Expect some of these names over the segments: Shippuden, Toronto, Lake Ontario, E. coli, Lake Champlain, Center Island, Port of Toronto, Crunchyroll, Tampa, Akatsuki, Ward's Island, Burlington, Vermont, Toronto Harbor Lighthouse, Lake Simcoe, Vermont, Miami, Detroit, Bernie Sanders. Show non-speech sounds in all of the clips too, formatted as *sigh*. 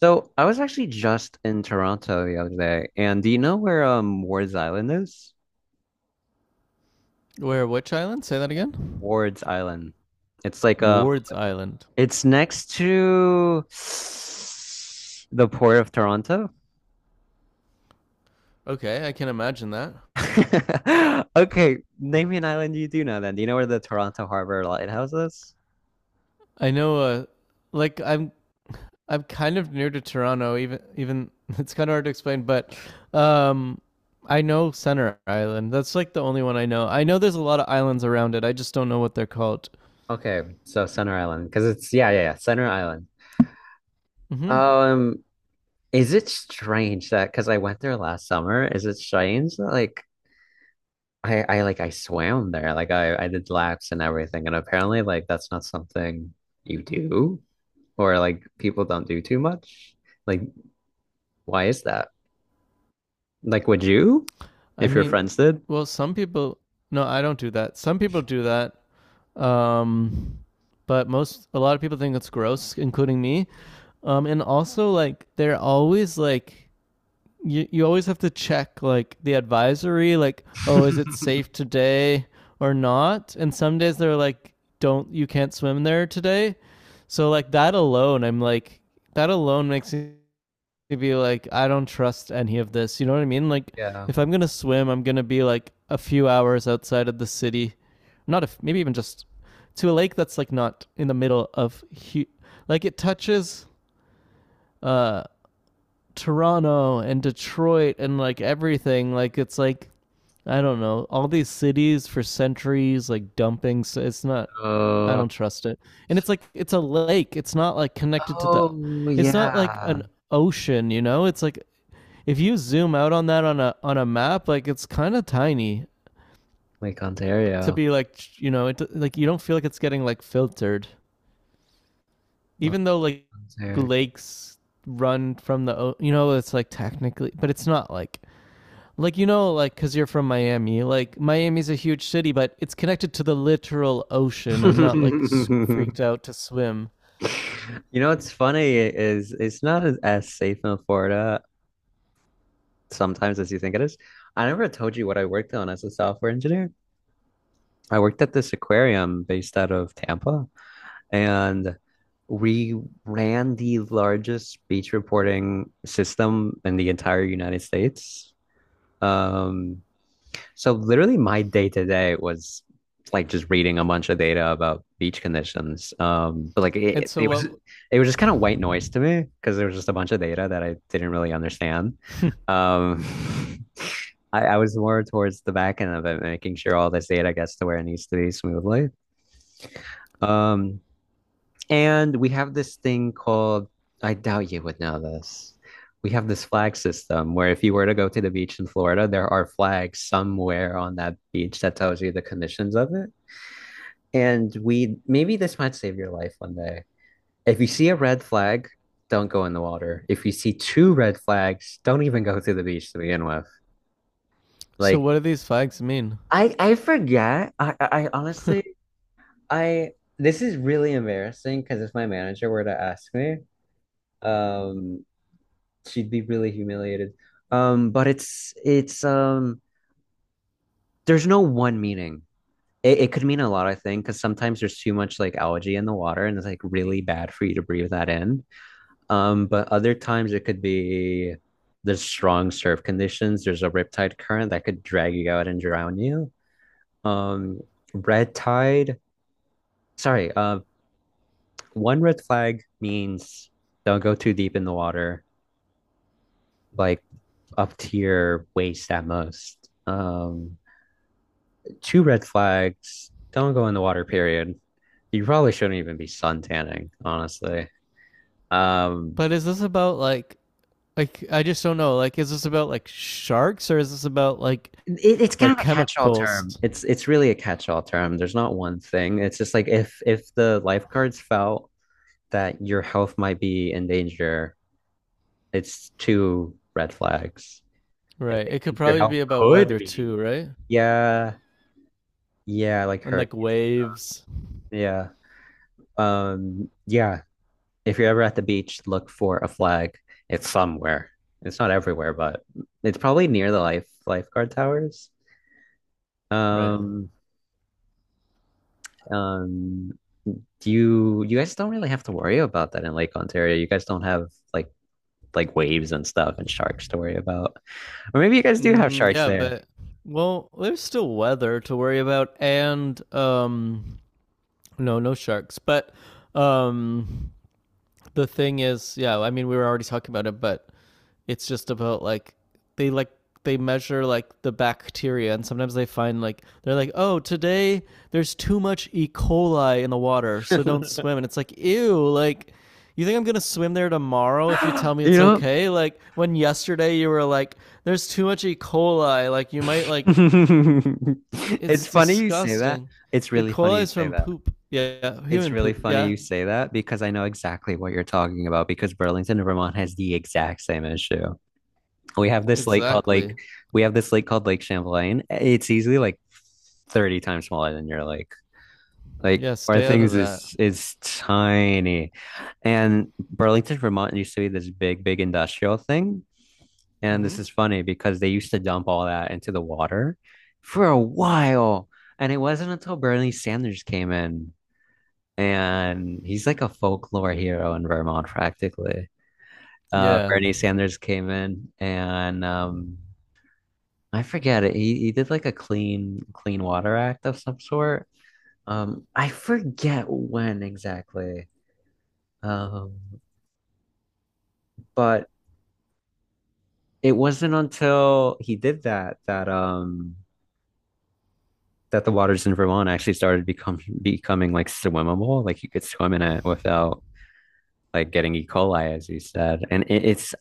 So I was actually just in Toronto the other day, and do you know where Ward's Island is? Where? Which island? Say that again. Ward's Island. It's like Ward's Island. it's next to *sighs* the Port of Toronto. Okay, I can imagine that. *laughs* Okay, name me an island you do know then. Do you know where the Toronto Harbor Lighthouse is? I know. Like I'm kind of near to Toronto. Even *laughs* it's kind of hard to explain, but um, I know Center Island. That's like the only one I know. I know there's a lot of islands around it. I just don't know what they're called. Okay, so Center Island, because it's yeah, yeah, yeah, Center Island. Hmm. Um, is it strange that because I went there last summer, is it strange that like I like I swam there. Like I did laps and everything. And apparently like that's not something you do or like people don't do too much. Like why is that? Like would you I if your mean, friends did? well, some people. No, I don't do that. Some people do that. Um, but most a lot of people think it's gross, including me. And also like they're always like you always have to check like the advisory like, oh, is it safe *laughs* today or not? And some days they're like, don't, you can't swim there today. So like that alone, I'm like that alone makes me to be like, I don't trust any of this. You know what I mean? Like, Yeah. if I'm gonna swim, I'm gonna be like a few hours outside of the city, not if maybe even just to a lake that's like not in the middle of hu- like it touches uh Toronto and Detroit and like everything. Like it's like I don't know. All these cities for centuries, like dumping. So it's not. I Uh, don't trust it. And it's like it's a lake. It's not like connected to the. oh It's not like yeah. an ocean. You know. It's like if you zoom out on that on a map, like it's kind of tiny Lake to Ontario. be like, you know, it like you don't feel like it's getting like filtered, even Lake though like Ontario. lakes run from the, you know, it's like technically, but it's not like. Like you know, like because you're from Miami, like Miami's a huge city, but it's connected to the literal ocean. I'm not like *laughs* freaked out to swim. You know what's funny is it's not as safe in Florida sometimes as you think it is. I never told you what I worked on as a software engineer. I worked at this aquarium based out of Tampa, and we ran the largest beach reporting system in the entire United States. Um, so literally my day to day was like just reading a bunch of data about beach conditions. But like And it, so it was what? it was just kind of white noise to me because there was just a bunch of data that I didn't really understand. Um, *laughs* I was more towards the back end of it, making sure all this data gets to where it needs to be smoothly. Um, and we have this thing called, I doubt you would know this. We have this flag system where if you were to go to the beach in Florida, there are flags somewhere on that beach that tells you the conditions of it. And we maybe this might save your life one day. If you see a red flag, don't go in the water. If you see two red flags, don't even go to the beach to begin with. *laughs* So Like what do these flags mean? I forget. I honestly I this is really embarrassing because if my manager were to ask me, Um, she'd be really humiliated. But it's there's no one meaning. It could mean a lot, I think, because sometimes there's too much like algae in the water and it's like really bad for you to breathe that in. But other times it could be there's strong surf conditions, there's a riptide current that could drag you out and drown you. Um, red tide, sorry, one red flag means don't go too deep in the water. Like up to your waist at most. Um, two red flags. Don't go in the water, period. You probably shouldn't even be sun tanning, honestly. Um, But is this about like I just don't know. Like, is this about like sharks or is this about it's kind like of a catch-all term. chemicals? It's really a catch-all term. There's not one thing. It's just like if the lifeguards felt that your health might be in danger, it's two red flags. If Right. they It could think your probably health be about could weather be, too, right? yeah, yeah, like And like hurricane. waves. Yeah. Yeah, if you're ever at the beach, look for a flag. It's somewhere. It's not everywhere, but it's probably near the lifeguard towers. Right. Um, um, you guys don't really have to worry about that in Lake Ontario. You guys don't have like waves and stuff and sharks to worry about. Or maybe you guys do have Mm, sharks yeah, there. but *laughs* well, there's still weather to worry about and no, no sharks. But um the thing is, yeah, I mean we were already talking about it, but it's just about like they measure like the bacteria and sometimes they find like they're like, "Oh, today there's too much E. coli in the water, so don't swim." And it's like, "Ew, like you think I'm going to swim there tomorrow if you tell me You it's know? okay?" Like when yesterday you were like, "There's too much E. coli, like you might like *laughs* it's It's funny you say that. disgusting." It's E. really funny coli you is say from that. poop. Yeah, yeah, It's human really poop. funny Yeah. you say that because I know exactly what you're talking about because Burlington, Vermont has the exact same issue. We have this lake called Lake, Exactly. we have this lake called Lake Champlain. It's easily like 30 times smaller than your lake. Like Yeah, our stay out of things that. is tiny. And Burlington, Vermont used to be this big, big industrial thing. And this Mm-hmm. is funny because they used to dump all that into the water for a while. And it wasn't until Bernie Sanders came in and he's like a folklore hero in Vermont practically. Yeah. Bernie Sanders came in and I forget it. He did like a clean water act of some sort. I forget when exactly. Um, but it wasn't until he did that that that the waters in Vermont actually started become becoming like swimmable. Like you could swim in it without like getting E. coli, as you said. And it, it's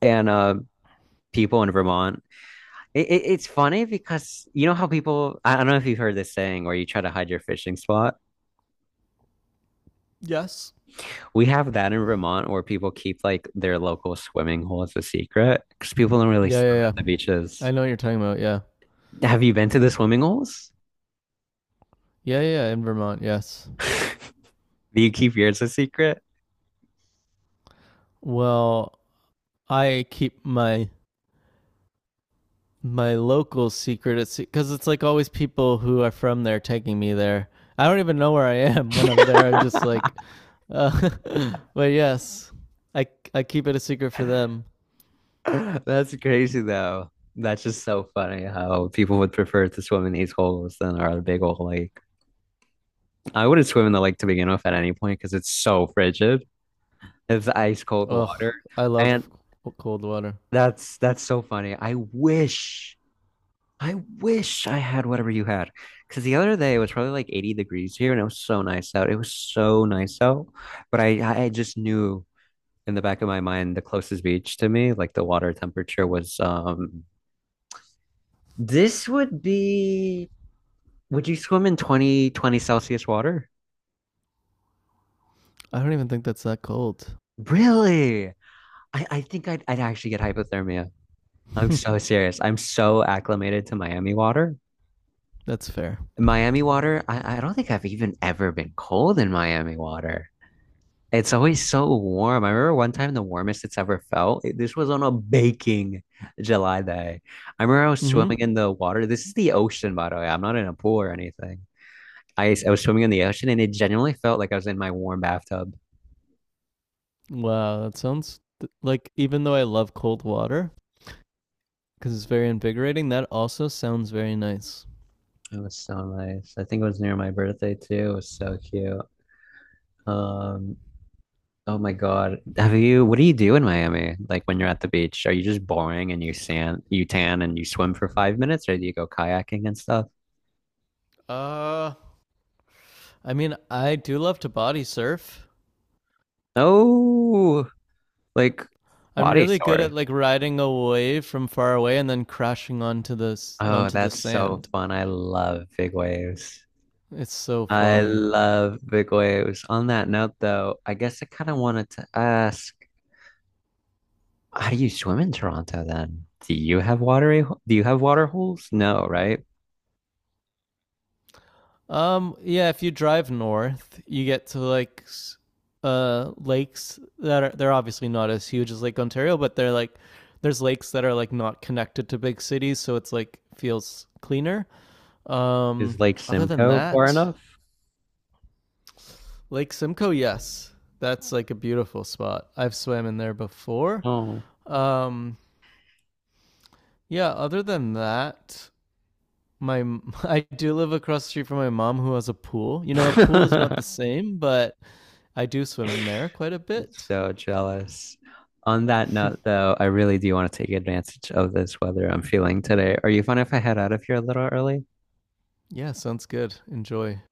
and people in Vermont it's funny because you know how people, I don't know if you've heard this saying where you try to hide your fishing spot. Yes. We have that in Vermont where people keep like their local swimming hole as a secret because people don't really Yeah, swim yeah, at yeah. the I beaches. know what you're talking about. Yeah. Have you been to the swimming holes? Yeah, yeah, yeah, in Vermont, yes. *laughs* Do you keep yours a secret? Well, I keep my my local secret it's cuz it's like always people who are from there taking me there. I don't even know where I am *laughs* when I'm *laughs* there. I'm just like uh, *laughs* but yes. I I keep it a secret for them. That's crazy though. That's just so funny how people would prefer to swim in these holes than our big old lake. I wouldn't swim in the lake to begin with at any point because it's so frigid. It's ice cold water. Ugh, I And love cold water. that's so funny. I wish I had whatever you had. Because the other day it was probably like 80 degrees here and it was so nice out. It was so nice out. But I just knew in the back of my mind the closest beach to me, like the water temperature was this would be would you swim in twenty Celsius water? I don't even think that's that cold. Really? I think I'd actually get hypothermia. I'm *laughs* so serious. I'm so acclimated to Miami water That's fair. Miami water, I don't think I've even ever been cold in Miami water. It's always so warm. I remember one time the warmest it's ever felt. This was on a baking July day. I remember I was Mm-hmm. swimming in the water. This is the ocean, by the way. I'm not in a pool or anything. I was swimming in the ocean and it genuinely felt like I was in my warm bathtub. Wow, that sounds like even though I love cold water because it's very invigorating, that also sounds very nice. It was so nice. I think it was near my birthday too. It was so cute. Um, Oh my God. What do you do in Miami? Like when you're at the beach, are you just boring and you sand, you tan and you swim for 5 minutes or do you go kayaking and stuff? Uh, I mean, I do love to body surf. Oh, like I'm body really good at sore. like riding a wave from far away and then crashing onto the Oh, onto the that's so sand. fun. I love big waves. It's so I fun. love big waves. On that note, though, I guess I kind of wanted to ask, how do you swim in Toronto then? Do you have do you have water holes? No, right? Yeah, if you drive north, you get to like lakes that are they're obviously not as huge as Lake Ontario, but they're like there's lakes that are like not connected to big cities, so it's like feels cleaner. Um, Is Lake other than Simcoe far that, enough? Lake Simcoe, yes. That's like a beautiful spot. I've swam in there before. Oh. Um, yeah, other than that, my *laughs* I do live across the street from my mom who has a pool. You know, a pool is not the *laughs* same, but I do swim in there quite a bit. So jealous. On that note, *laughs* though, I really do want to take advantage of this weather I'm feeling today. Are you fine if I head out of here a little early? Yeah, sounds good. Enjoy.